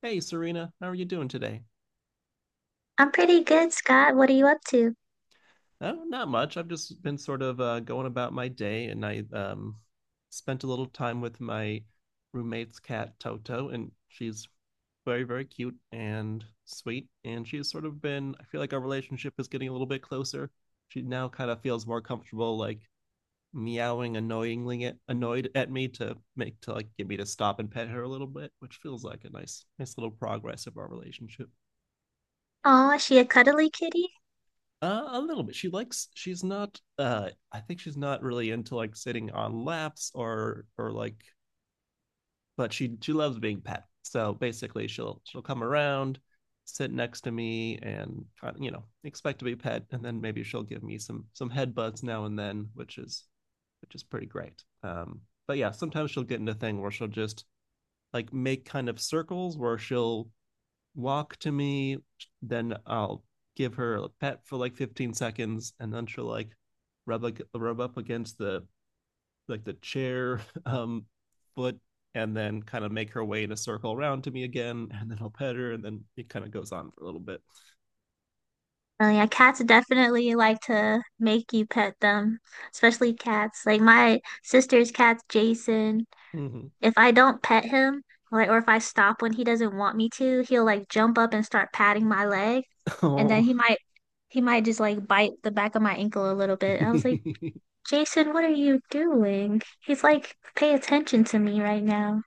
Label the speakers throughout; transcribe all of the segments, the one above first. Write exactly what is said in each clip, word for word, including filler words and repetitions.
Speaker 1: Hey, Serena, how are you doing today?
Speaker 2: I'm pretty good, Scott. What are you up to?
Speaker 1: Oh, not much. I've just been sort of uh, going about my day, and I um, spent a little time with my roommate's cat, Toto, and she's very, very cute and sweet. And she's sort of been, I feel like our relationship is getting a little bit closer. She now kind of feels more comfortable, like meowing annoyingly at, annoyed at me to make to like get me to stop and pet her a little bit, which feels like a nice, nice little progress of our relationship.
Speaker 2: Oh, is she a cuddly kitty?
Speaker 1: Uh, a little bit. She likes. She's not. Uh, I think she's not really into like sitting on laps or or like. But she she loves being pet. So basically, she'll she'll come around, sit next to me, and you know expect to be pet, and then maybe she'll give me some some headbutts now and then, which is which is pretty great. Um, but yeah, sometimes she'll get into a thing where she'll just like make kind of circles where she'll walk to me. Then I'll give her a pet for like fifteen seconds, and then she'll like rub ag- rub up against the like the chair um foot, and then kind of make her way in a circle around to me again, and then I'll pet her, and then it kind of goes on for a little bit.
Speaker 2: Oh yeah, cats definitely like to make you pet them, especially cats. Like my sister's cat's Jason.
Speaker 1: Hmm.
Speaker 2: If I don't pet him, like or if I stop when he doesn't want me to, he'll like jump up and start patting my leg, and then
Speaker 1: Oh.
Speaker 2: he might he might just like bite the back of my ankle a little bit. I was like, Jason, what are you doing? He's like, pay attention to me right now.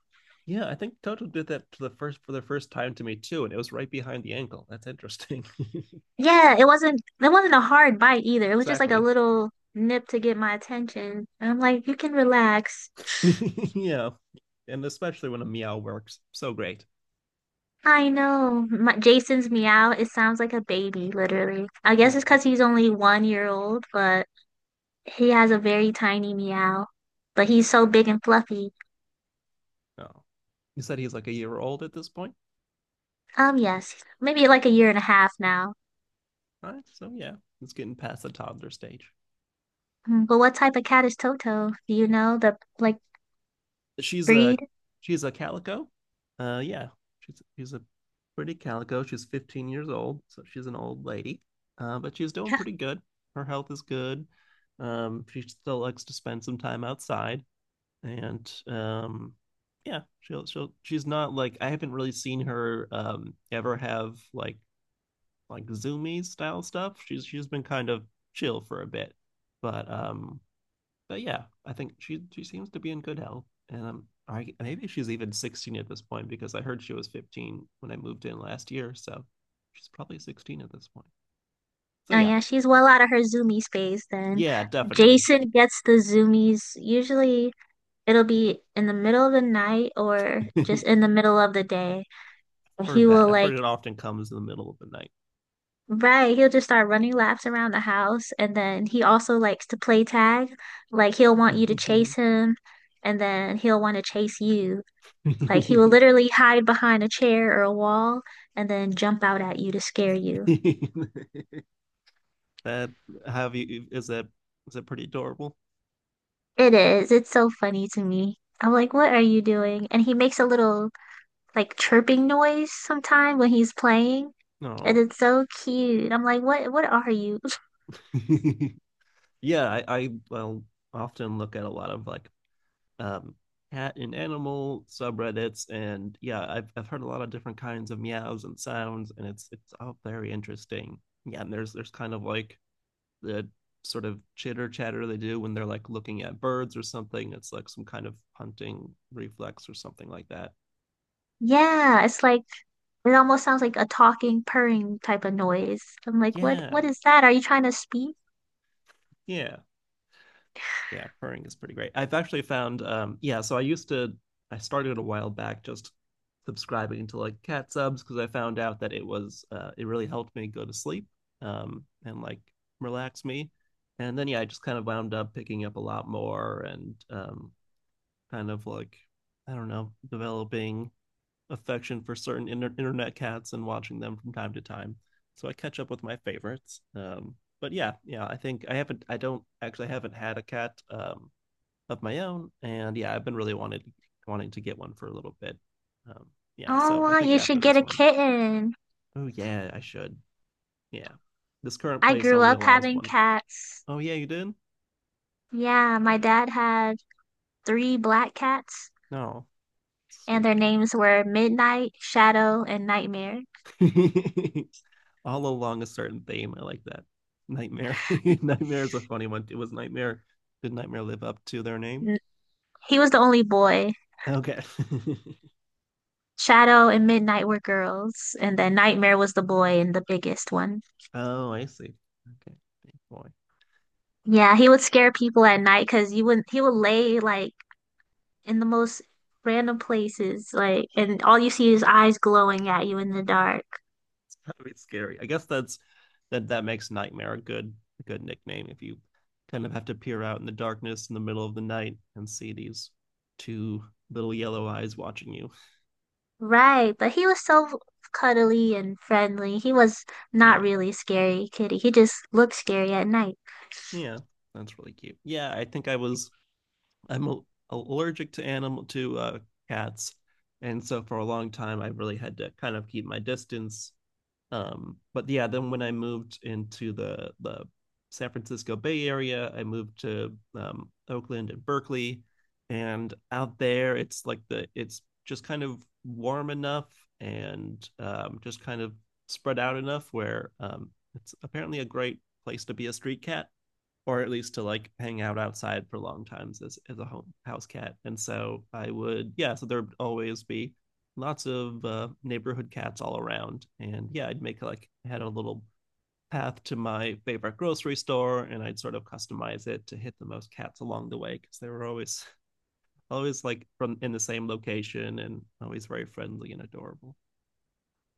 Speaker 1: Yeah, I think Toto did that to the first for the first time to me too, and it was right behind the ankle. That's interesting.
Speaker 2: Yeah, it wasn't it wasn't a hard bite either. It was just like a
Speaker 1: Exactly.
Speaker 2: little nip to get my attention. And I'm like, you can relax.
Speaker 1: Yeah, and especially when a meow works, so great.
Speaker 2: I know. My, Jason's meow, it sounds like a baby, literally. I guess it's
Speaker 1: Oh.
Speaker 2: because he's only one year old, but he has a very tiny meow. But
Speaker 1: That's
Speaker 2: he's so big
Speaker 1: adorable.
Speaker 2: and fluffy.
Speaker 1: Oh. You said he's like a year old at this point?
Speaker 2: Um, yes, maybe like a year and a half now.
Speaker 1: All right, so yeah, it's getting past the toddler stage.
Speaker 2: Mm, but what type of cat is Toto? Do you know the like
Speaker 1: She's a
Speaker 2: breed?
Speaker 1: she's a calico. Uh yeah. She's she's a pretty calico. She's fifteen years old, so she's an old lady. Uh, but she's doing pretty good. Her health is good. Um, she still likes to spend some time outside, and um, yeah, she'll she'll she's not like I haven't really seen her um ever have like like zoomy style stuff. She's she's been kind of chill for a bit, but um, but yeah, I think she she seems to be in good health, and um, I maybe she's even sixteen at this point because I heard she was fifteen when I moved in last year, so she's probably sixteen at this point. So
Speaker 2: Oh
Speaker 1: yeah,
Speaker 2: yeah, she's well out of her Zoomies phase then.
Speaker 1: yeah, definitely.
Speaker 2: Jason gets the zoomies usually. It'll be in the middle of the night or just in the middle of the day.
Speaker 1: Heard
Speaker 2: He
Speaker 1: that.
Speaker 2: will
Speaker 1: I've heard
Speaker 2: like,
Speaker 1: it often comes in the middle of the night.
Speaker 2: right, he'll just start running laps around the house. And then he also likes to play tag. Like, he'll want you to chase him and then he'll want to chase you. Like, he will literally hide behind a chair or a wall and then jump out at you to scare you.
Speaker 1: that have you is that is that pretty adorable?
Speaker 2: It is. It's so funny to me. I'm like, what are you doing? And he makes a little like chirping noise sometime when he's playing. And
Speaker 1: No.
Speaker 2: it's so cute. I'm like, what what are you?
Speaker 1: Yeah, I, I well often look at a lot of like um cat and animal subreddits and yeah, I've I've heard a lot of different kinds of meows and sounds and it's it's all very interesting. Yeah, and there's there's kind of like the sort of chitter chatter they do when they're like looking at birds or something. It's like some kind of hunting reflex or something like that.
Speaker 2: Yeah, it's like it almost sounds like a talking, purring type of noise. I'm like, what what
Speaker 1: Yeah.
Speaker 2: is that? Are you trying to speak?
Speaker 1: Yeah. Yeah, purring is pretty great. I've actually found, um yeah, so I used to, I started a while back just subscribing to like cat subs because I found out that it was uh it really helped me go to sleep, um and like relax me. And then yeah, I just kind of wound up picking up a lot more and um kind of like, I don't know, developing affection for certain inter- internet cats and watching them from time to time, so I catch up with my favorites. Um but yeah, yeah, I think i haven't I don't actually I haven't had a cat um of my own, and yeah, I've been really wanted wanting to get one for a little bit. Um, yeah,
Speaker 2: Oh,
Speaker 1: so I
Speaker 2: wow,
Speaker 1: think
Speaker 2: you should
Speaker 1: after
Speaker 2: get
Speaker 1: this
Speaker 2: a
Speaker 1: one,
Speaker 2: kitten.
Speaker 1: oh yeah, I should. Yeah, this current
Speaker 2: I
Speaker 1: place
Speaker 2: grew
Speaker 1: only
Speaker 2: up
Speaker 1: allows
Speaker 2: having
Speaker 1: one.
Speaker 2: cats.
Speaker 1: Oh yeah, you did?
Speaker 2: Yeah, my dad had three black cats,
Speaker 1: No,
Speaker 2: and their
Speaker 1: sweet.
Speaker 2: names were Midnight, Shadow, and Nightmare.
Speaker 1: All along a certain theme. I like that. Nightmare. Nightmare is a funny one. It was Nightmare. Did Nightmare live up to their name?
Speaker 2: N- He was the only boy.
Speaker 1: Okay.
Speaker 2: Shadow and Midnight were girls, and then Nightmare was the boy and the biggest one.
Speaker 1: Oh, I see. Okay. Big boy.
Speaker 2: Yeah, he would scare people at night because you would he would lay like in the most random places, like and all you see is eyes glowing at you in the dark.
Speaker 1: It's kind of scary. I guess that's that that makes nightmare a good a good nickname if you kind of have to peer out in the darkness in the middle of the night and see these two little yellow eyes watching you.
Speaker 2: Right, but he was so cuddly and friendly. He was not
Speaker 1: Yeah.
Speaker 2: really scary kitty. He just looked scary at night.
Speaker 1: Yeah. That's really cute. Yeah, I think I was I'm a- allergic to animal to uh cats. And so for a long time I really had to kind of keep my distance. Um, but yeah, then when I moved into the the San Francisco Bay Area, I moved to um, Oakland and Berkeley, and out there it's like the it's just kind of warm enough and um, just kind of spread out enough where um, it's apparently a great place to be a street cat, or at least to like hang out outside for long times as as a home house cat. And so I would, yeah, so there would always be lots of uh, neighborhood cats all around. And yeah, I'd make, like I had a little path to my favorite grocery store and I'd sort of customize it to hit the most cats along the way because they were always always like from in the same location and always very friendly and adorable.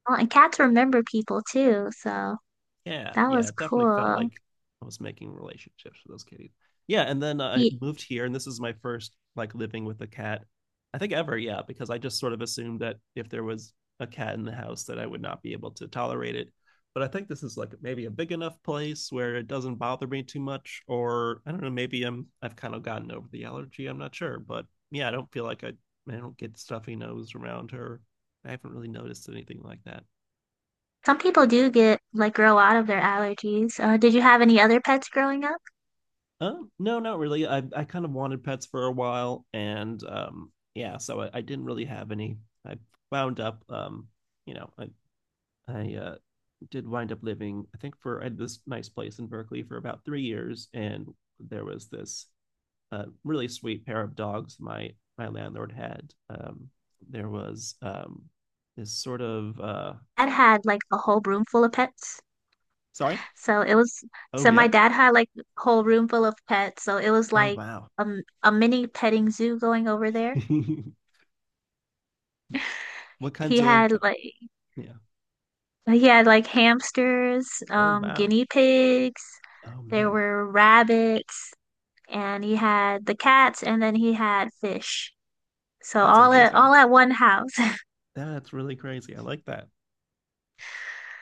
Speaker 2: Oh, and cats remember people too, so
Speaker 1: Yeah,
Speaker 2: that
Speaker 1: yeah,
Speaker 2: was
Speaker 1: it definitely felt
Speaker 2: cool.
Speaker 1: like I was making relationships with those kitties. Yeah, and then I moved here, and this is my first like living with a cat, I think ever. Yeah, because I just sort of assumed that if there was a cat in the house, that I would not be able to tolerate it. But I think this is like maybe a big enough place where it doesn't bother me too much, or I don't know, maybe I'm I've kind of gotten over the allergy. I'm not sure, but yeah, I don't feel like I I don't get stuffy nose around her. I haven't really noticed anything like that.
Speaker 2: Some people do get like grow out of their allergies. Uh, did you have any other pets growing up?
Speaker 1: Um, no, not really. I I kind of wanted pets for a while, and um, yeah, so I, I didn't really have any. I wound up, um, you know, I I uh, did wind up living. I think for I had this nice place in Berkeley for about three years, and there was this uh, really sweet pair of dogs my my landlord had. Um, there was um, this sort of uh,
Speaker 2: Dad had like a whole room full of pets.
Speaker 1: sorry.
Speaker 2: So it was,
Speaker 1: Oh
Speaker 2: so my
Speaker 1: yeah.
Speaker 2: dad had like a whole room full of pets. So it was
Speaker 1: Oh
Speaker 2: like
Speaker 1: wow.
Speaker 2: um, a mini petting zoo going over there.
Speaker 1: What
Speaker 2: He
Speaker 1: kinds of,
Speaker 2: had like,
Speaker 1: yeah.
Speaker 2: he had like hamsters,
Speaker 1: Oh
Speaker 2: um,
Speaker 1: wow.
Speaker 2: guinea pigs,
Speaker 1: Oh
Speaker 2: there
Speaker 1: man.
Speaker 2: were rabbits, and he had the cats, and then he had fish. So
Speaker 1: That's
Speaker 2: all at
Speaker 1: amazing.
Speaker 2: all at one house.
Speaker 1: That's really crazy. I like that.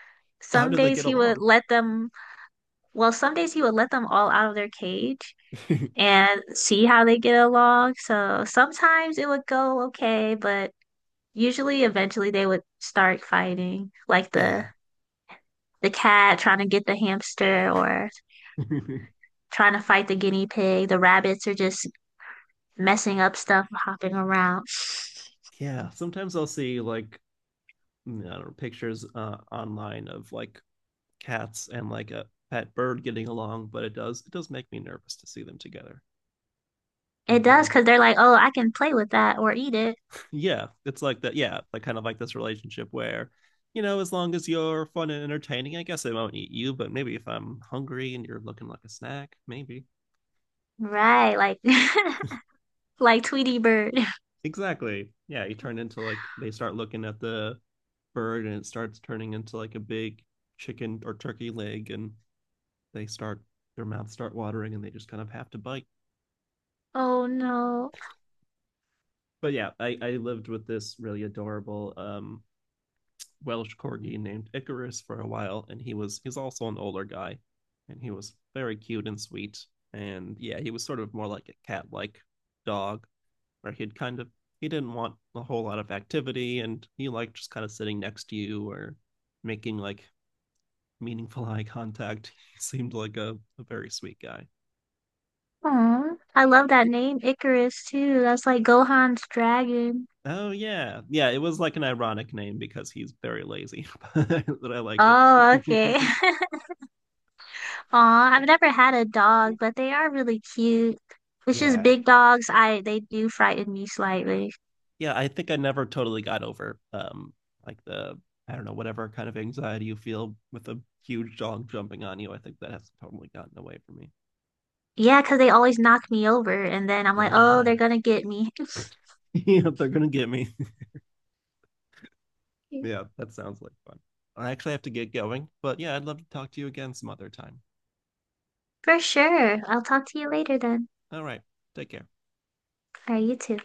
Speaker 1: How
Speaker 2: Some
Speaker 1: did they
Speaker 2: days
Speaker 1: get
Speaker 2: he would
Speaker 1: along?
Speaker 2: let them Well, some days he would let them all out of their cage and see how they get along. So sometimes it would go okay, but usually eventually they would start fighting, like the
Speaker 1: Yeah.
Speaker 2: the cat trying to get the hamster or trying to fight the guinea pig. The rabbits are just messing up stuff, hopping around.
Speaker 1: Yeah. Sometimes I'll see like, mm, I don't know, pictures uh, online of like cats and like a pet bird getting along, but it does it does make me nervous to see them together. I
Speaker 2: It does
Speaker 1: believe.
Speaker 2: because they're like, "Oh, I can play with that or eat it."
Speaker 1: Yeah, it's like that. Yeah, like kind of like this relationship where, you know, as long as you're fun and entertaining, I guess I won't eat you. But maybe if I'm hungry and you're looking like a snack, maybe.
Speaker 2: Right, like like Tweety Bird.
Speaker 1: Exactly. Yeah, you turn into like they start looking at the bird and it starts turning into like a big chicken or turkey leg and they start their mouths start watering and they just kind of have to bite.
Speaker 2: Oh no.
Speaker 1: But yeah, I, I lived with this really adorable um Welsh corgi named Icarus for a while and he was he's also an older guy and he was very cute and sweet and yeah, he was sort of more like a cat-like dog where he'd kind of he didn't want a whole lot of activity and he liked just kind of sitting next to you or making like meaningful eye contact. He seemed like a, a very sweet guy.
Speaker 2: Aw, I love that name, Icarus, too. That's like Gohan's dragon.
Speaker 1: Oh yeah. Yeah, it was like an ironic name because he's very lazy, but I liked
Speaker 2: Oh, okay.
Speaker 1: it.
Speaker 2: Aw, I've never had a dog, but they are really cute. It's just
Speaker 1: Yeah.
Speaker 2: big dogs, I they do frighten me slightly.
Speaker 1: Yeah, I think I never totally got over um like the I don't know, whatever kind of anxiety you feel with a huge dog jumping on you. I think that has totally gotten away from me.
Speaker 2: Yeah, 'cause they always knock me over, and then I'm like, oh, they're
Speaker 1: Yeah.
Speaker 2: gonna get me.
Speaker 1: Yeah, they're gonna get me. Yeah, that sounds like fun. I actually have to get going, but yeah, I'd love to talk to you again some other time.
Speaker 2: For sure. I'll talk to you later then.
Speaker 1: All right, take care.
Speaker 2: All right, you too.